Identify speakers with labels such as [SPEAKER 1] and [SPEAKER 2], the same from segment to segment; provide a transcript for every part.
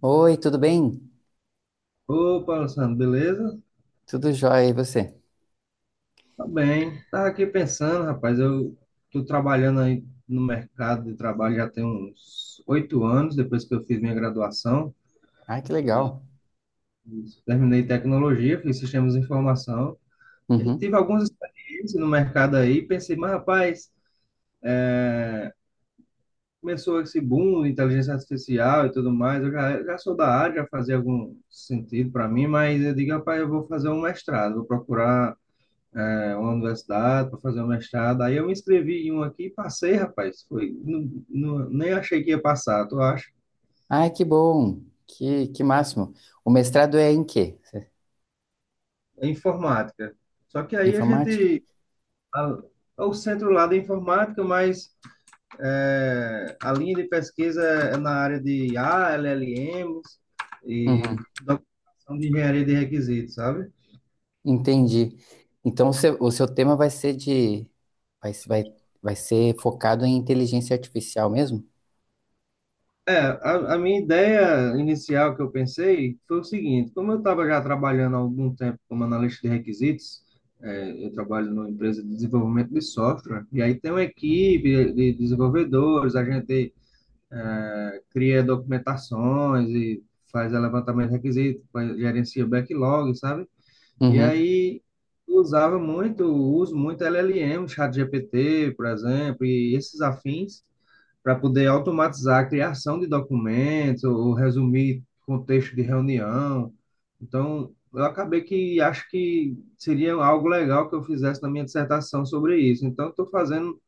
[SPEAKER 1] Oi, tudo bem?
[SPEAKER 2] Opa, Alessandro, beleza?
[SPEAKER 1] Tudo jóia, e você?
[SPEAKER 2] Tá bem. Tava aqui pensando, rapaz, eu tô trabalhando aí no mercado de trabalho já tem uns 8 anos, depois que eu fiz minha graduação
[SPEAKER 1] Ai, que
[SPEAKER 2] e
[SPEAKER 1] legal.
[SPEAKER 2] e terminei tecnologia, fiz sistemas de informação. E aí tive
[SPEAKER 1] Uhum.
[SPEAKER 2] algumas experiências no mercado aí, e pensei, mas rapaz, é, começou esse boom de inteligência artificial e tudo mais, eu já sou da área, já fazia algum sentido para mim, mas eu digo, rapaz, eu vou fazer um mestrado, vou procurar uma universidade para fazer um mestrado. Aí eu me inscrevi em um aqui e passei, rapaz. Foi, não, não- Nem achei que ia passar, tu acha?
[SPEAKER 1] Ai, que bom. Que máximo. O mestrado é em quê?
[SPEAKER 2] É informática. Só que aí a
[SPEAKER 1] Informática?
[SPEAKER 2] gente. A- É o centro lá da informática, mas, é, a linha de pesquisa é na área de I a l l LLMs e
[SPEAKER 1] Uhum.
[SPEAKER 2] documentação de engenharia de requisitos, sabe?
[SPEAKER 1] Entendi. Então, o seu tema vai ser de... Vai, se- vai, vai ser focado em inteligência artificial mesmo?
[SPEAKER 2] A minha ideia inicial que eu pensei foi o seguinte: como eu estava já trabalhando há algum tempo como analista de requisitos, é, eu trabalho numa empresa de desenvolvimento de software, e aí tem uma equipe de desenvolvedores, a gente, é, cria documentações e faz levantamento de requisitos, gerencia backlog, sabe? E
[SPEAKER 1] Uhum.
[SPEAKER 2] aí eu uso muito LLM, ChatGPT, por exemplo, e esses afins, para poder automatizar a criação de documentos ou resumir contexto de reunião. Então, eu acabei que acho que seria algo legal que eu fizesse na minha dissertação sobre isso. Então, estou fazendo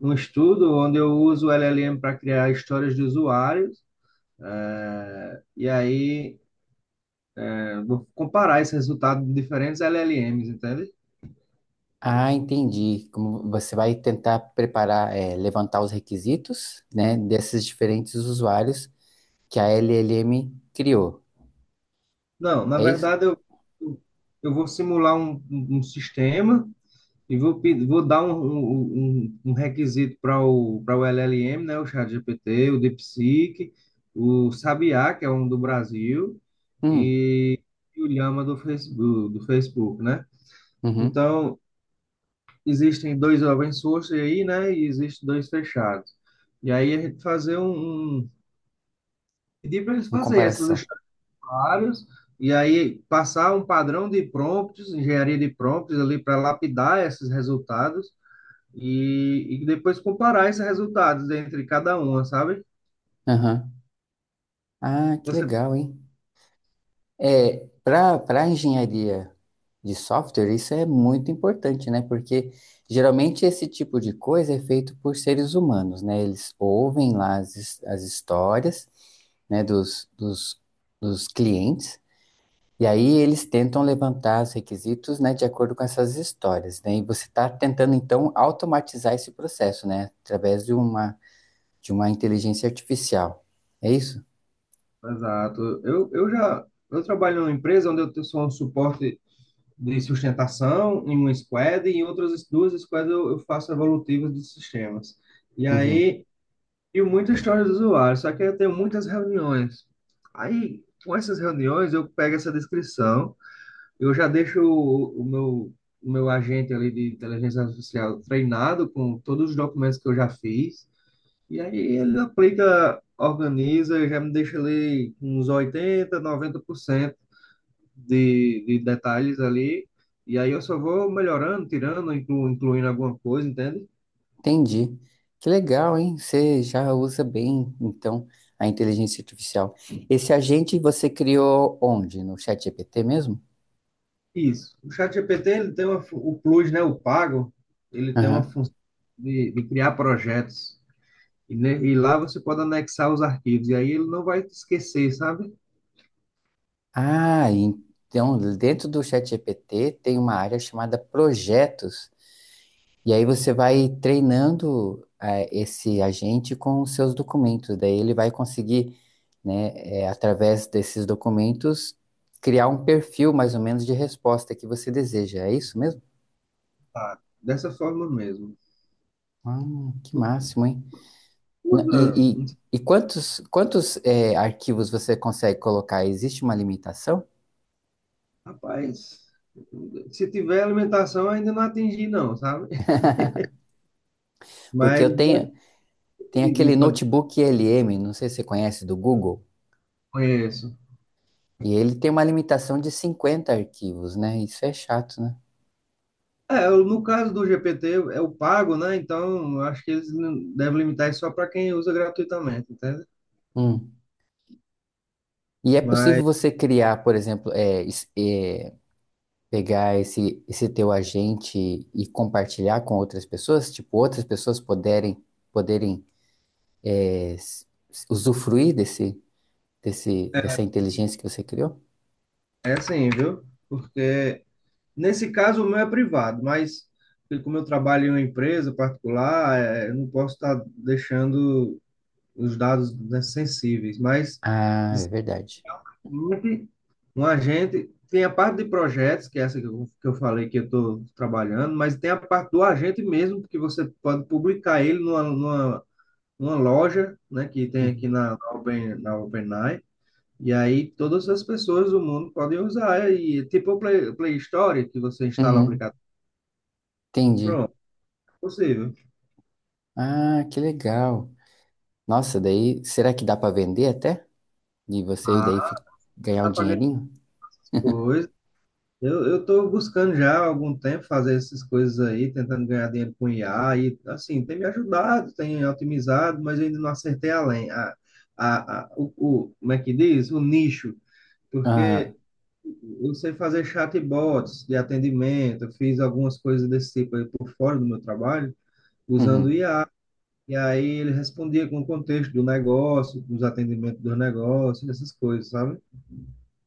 [SPEAKER 2] um estudo onde eu uso o LLM para criar histórias de usuários. E aí, vou comparar esse resultado de diferentes LLMs, entende?
[SPEAKER 1] Ah, entendi. Como você vai tentar preparar, levantar os requisitos, né, desses diferentes usuários que a LLM criou.
[SPEAKER 2] Não, na
[SPEAKER 1] É isso?
[SPEAKER 2] verdade, eu vou simular um sistema. E vou, vou dar um requisito para para o LLM, né? O ChatGPT, o DeepSeek, o Sabiá, que é um do Brasil,
[SPEAKER 1] Hum.
[SPEAKER 2] e, e o Llama do Facebook, né?
[SPEAKER 1] Uhum.
[SPEAKER 2] Então, existem dois open source aí, né? E existem dois fechados. E aí a gente fazer pedir para eles
[SPEAKER 1] Uma
[SPEAKER 2] fazerem essas
[SPEAKER 1] comparação.
[SPEAKER 2] estagiárias e aí passar um padrão de prompts, engenharia de prompts ali para lapidar esses resultados e depois comparar esses resultados entre cada uma, sabe?
[SPEAKER 1] Aham. Ah, que
[SPEAKER 2] Você,
[SPEAKER 1] legal, hein? É, para engenharia de software, isso é muito importante, né? Porque geralmente esse tipo de coisa é feito por seres humanos, né? Eles ouvem lá as, as histórias, né, dos clientes, e aí eles tentam levantar os requisitos, né, de acordo com essas histórias, né? E você está tentando, então, automatizar esse processo, né? Através de uma inteligência artificial. É isso?
[SPEAKER 2] exato. Eu trabalho numa empresa onde eu sou um suporte de sustentação em uma squad e em outras duas squads eu faço evolutivas de sistemas. E
[SPEAKER 1] Uhum.
[SPEAKER 2] aí, e muita história do usuário, só que eu tenho muitas reuniões. Aí, com essas reuniões, eu pego essa descrição, eu já deixo o meu agente ali de inteligência artificial treinado com todos os documentos que eu já fiz. E aí ele aplica, organiza, já me deixa ali uns 80 90% de detalhes ali. E aí eu só vou melhorando, tirando, incluindo alguma coisa, entende?
[SPEAKER 1] Entendi. Que legal, hein? Você já usa bem, então, a inteligência artificial. Esse agente você criou onde? No ChatGPT mesmo?
[SPEAKER 2] Isso. O ChatGPT, ele tem uma, o Plus, né, o pago, ele tem uma
[SPEAKER 1] Aham.
[SPEAKER 2] função de criar projetos. E, e lá você pode anexar os arquivos. E aí ele não vai te esquecer, sabe?
[SPEAKER 1] Ah, então, dentro do ChatGPT tem uma área chamada projetos. E aí você vai treinando esse agente com os seus documentos. Daí ele vai conseguir, né, através desses documentos, criar um perfil mais ou menos de resposta que você deseja. É isso mesmo?
[SPEAKER 2] Tá. Dessa forma mesmo.
[SPEAKER 1] Ah, que máximo, hein? N-
[SPEAKER 2] Usa.
[SPEAKER 1] E, e, e quantos arquivos você consegue colocar? Existe uma limitação?
[SPEAKER 2] Rapaz, se tiver alimentação, ainda não atingi, não, sabe?
[SPEAKER 1] Porque
[SPEAKER 2] Mas
[SPEAKER 1] eu
[SPEAKER 2] já
[SPEAKER 1] tenho, tem
[SPEAKER 2] decidi
[SPEAKER 1] aquele
[SPEAKER 2] quando
[SPEAKER 1] notebook LM, não sei se você conhece, do Google,
[SPEAKER 2] conheço.
[SPEAKER 1] e ele tem uma limitação de 50 arquivos, né? Isso é chato, né?
[SPEAKER 2] É, no caso do GPT, é o pago, né? Então, eu acho que eles devem limitar isso só para quem usa gratuitamente, entende?
[SPEAKER 1] Hum. E é possível
[SPEAKER 2] Mas
[SPEAKER 1] você criar, por exemplo, pegar esse teu agente e compartilhar com outras pessoas? Tipo, outras pessoas poderem, poderem é, s- usufruir dessa inteligência que você criou?
[SPEAKER 2] é assim, viu? Porque nesse caso o meu é privado, mas como eu trabalho em uma empresa particular, é, eu não posso estar deixando os dados, né, sensíveis. Mas
[SPEAKER 1] Ah, é verdade.
[SPEAKER 2] agente, um agente tem a parte de projetos, que é essa que que eu falei que eu estou trabalhando, mas tem a parte do agente mesmo, que você pode publicar ele numa loja, né, que tem aqui
[SPEAKER 1] Uhum.
[SPEAKER 2] na Open, na OpenAI, e aí todas as pessoas do mundo podem usar, e tipo o Play, Play Store, que você instala o
[SPEAKER 1] Uhum.
[SPEAKER 2] aplicativo.
[SPEAKER 1] Entendi.
[SPEAKER 2] Pronto, é possível.
[SPEAKER 1] Ah, que legal. Nossa, daí será que dá para vender até? E você
[SPEAKER 2] Ah,
[SPEAKER 1] daí fi- ganhar um
[SPEAKER 2] tá pagando
[SPEAKER 1] dinheirinho?
[SPEAKER 2] coisa. Eu tô buscando já há algum tempo fazer essas coisas aí, tentando ganhar dinheiro com IA e assim, tem me ajudado, tem otimizado, mas eu ainda não acertei além. Como é que diz? O nicho,
[SPEAKER 1] Ah,
[SPEAKER 2] porque eu sei fazer chatbots de atendimento, eu fiz algumas coisas desse tipo aí por fora do meu trabalho, usando
[SPEAKER 1] uhum.
[SPEAKER 2] IA, e aí ele respondia com o contexto do negócio, dos atendimentos do negócio, essas coisas, sabe?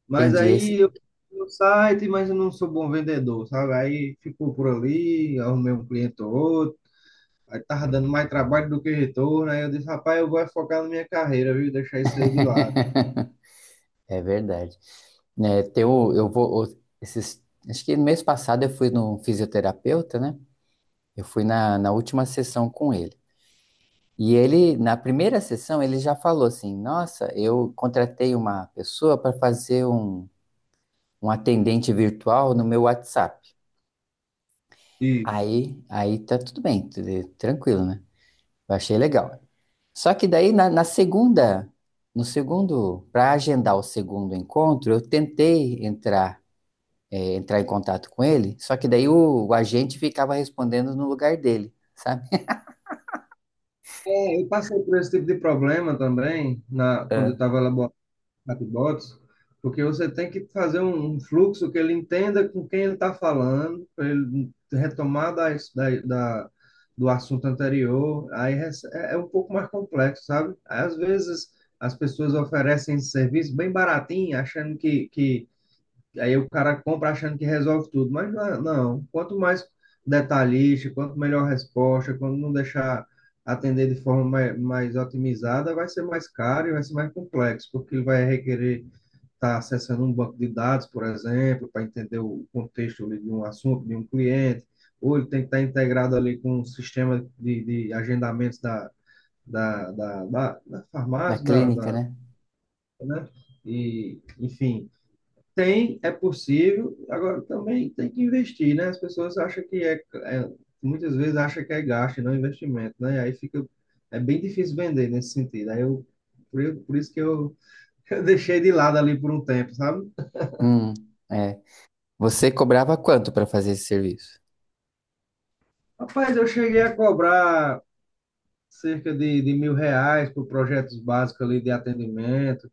[SPEAKER 2] Mas
[SPEAKER 1] Entendi esse.
[SPEAKER 2] aí eu fui no site, mas eu não sou bom vendedor, sabe? Aí ficou por ali, arrumei um cliente ou outro, aí tava dando mais trabalho do que retorno, aí eu disse, rapaz, eu vou focar na minha carreira, viu? Deixar isso aí de lado.
[SPEAKER 1] É verdade. Né, tem o- eu vou, o- esses, acho que no mês passado eu fui no fisioterapeuta, né? Eu fui na, na última sessão com ele. E ele, na primeira sessão, ele já falou assim: Nossa, eu contratei uma pessoa para fazer um. Um atendente virtual no meu WhatsApp.
[SPEAKER 2] E
[SPEAKER 1] Aí tá tudo bem, tudo tranquilo, né? Eu achei legal. Só que daí na segunda, no segundo, para agendar o segundo encontro, eu tentei entrar, entrar em contato com ele, só que daí o agente ficava respondendo no lugar dele, sabe?
[SPEAKER 2] é, eu passei por esse tipo de problema também, na, quando eu
[SPEAKER 1] Ah,
[SPEAKER 2] estava chatbots, porque você tem que fazer um fluxo que ele entenda com quem ele está falando, para ele retomar da, da- do assunto anterior. Aí é, é um pouco mais complexo, sabe? Às vezes as pessoas oferecem esse serviço bem baratinho, achando que aí o cara compra achando que resolve tudo, mas não, não. Quanto mais detalhista, quanto melhor a resposta, quando não deixar atender de forma mais otimizada, vai ser mais caro e vai ser mais complexo, porque ele vai requerer está acessando um banco de dados, por exemplo, para entender o contexto ali de um assunto, de um cliente, ou ele tem que estar integrado ali com um sistema de agendamentos da
[SPEAKER 1] na
[SPEAKER 2] farmácia,
[SPEAKER 1] clínica, né?
[SPEAKER 2] né? E, enfim, tem, é possível, agora também tem que investir, né? As pessoas acham que é muitas vezes acham que é gasto, e não é investimento, né? E aí fica, é bem difícil vender nesse sentido. Por isso que eu, eu deixei de lado ali por um tempo, sabe?
[SPEAKER 1] Hum, é. Você cobrava quanto para fazer esse serviço?
[SPEAKER 2] Rapaz, eu cheguei a cobrar cerca de R$ 1.000 por projetos básicos ali de atendimento.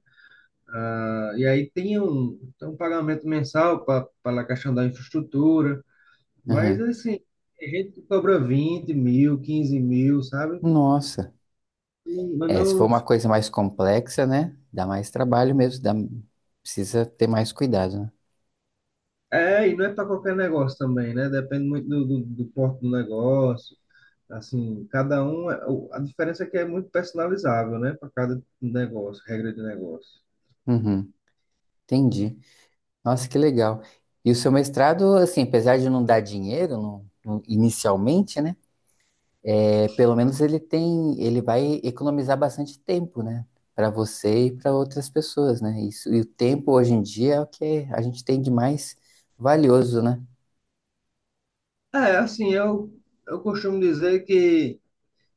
[SPEAKER 2] Tá? E aí tem tem um pagamento mensal para a questão da infraestrutura. Mas,
[SPEAKER 1] Aham.
[SPEAKER 2] assim, tem gente que cobra 20 mil, 15 mil, sabe?
[SPEAKER 1] Nossa.
[SPEAKER 2] Não,
[SPEAKER 1] É, se for
[SPEAKER 2] não,
[SPEAKER 1] uma coisa mais complexa, né? Dá mais trabalho mesmo, dá, precisa ter mais cuidado, né?
[SPEAKER 2] é, e não é para qualquer negócio também, né? Depende muito do porte do negócio. Assim, cada um, a diferença é que é muito personalizável, né? Para cada negócio, regra de negócio.
[SPEAKER 1] Uhum, entendi. Nossa, que legal. E o seu mestrado, assim, apesar de não dar dinheiro inicialmente, né? É, pelo menos ele tem, ele vai economizar bastante tempo, né? Para você e para outras pessoas, né? Isso, e o tempo hoje em dia é o que a gente tem de mais valioso, né?
[SPEAKER 2] É, assim, eu costumo dizer que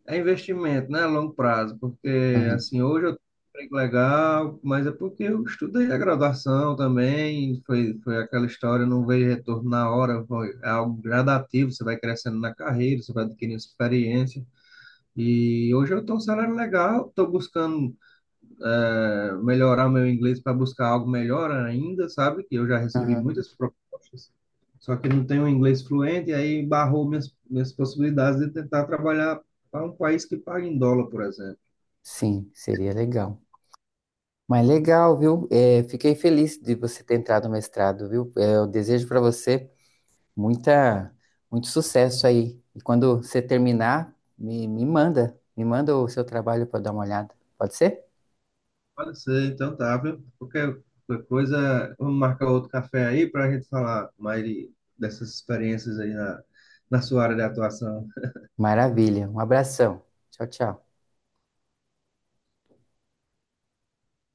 [SPEAKER 2] é investimento, né, a longo prazo, porque,
[SPEAKER 1] Uhum,
[SPEAKER 2] assim, hoje eu tenho um emprego legal, mas é porque eu estudei a graduação também, foi aquela história, não veio retorno na hora, foi é algo gradativo, você vai crescendo na carreira, você vai adquirindo experiência, e hoje eu estou um salário legal, estou buscando, é, melhorar meu inglês para buscar algo melhor ainda, sabe? Que eu já recebi
[SPEAKER 1] uhum.
[SPEAKER 2] muitas propostas, só que não tenho um inglês fluente, e aí barrou minhas possibilidades de tentar trabalhar para um país que paga em dólar, por exemplo.
[SPEAKER 1] Sim, seria legal. Mas legal, viu? É, fiquei feliz de você ter entrado no mestrado, viu? É, eu desejo para você muita, muito sucesso aí. E quando você terminar, me manda o seu trabalho para dar uma olhada. Pode ser?
[SPEAKER 2] Pode ser, então tá, viu? Qualquer coisa, vamos marcar outro café aí para a gente falar mais dessas experiências aí na, na sua área de atuação.
[SPEAKER 1] Maravilha. Um abração. Tchau, tchau.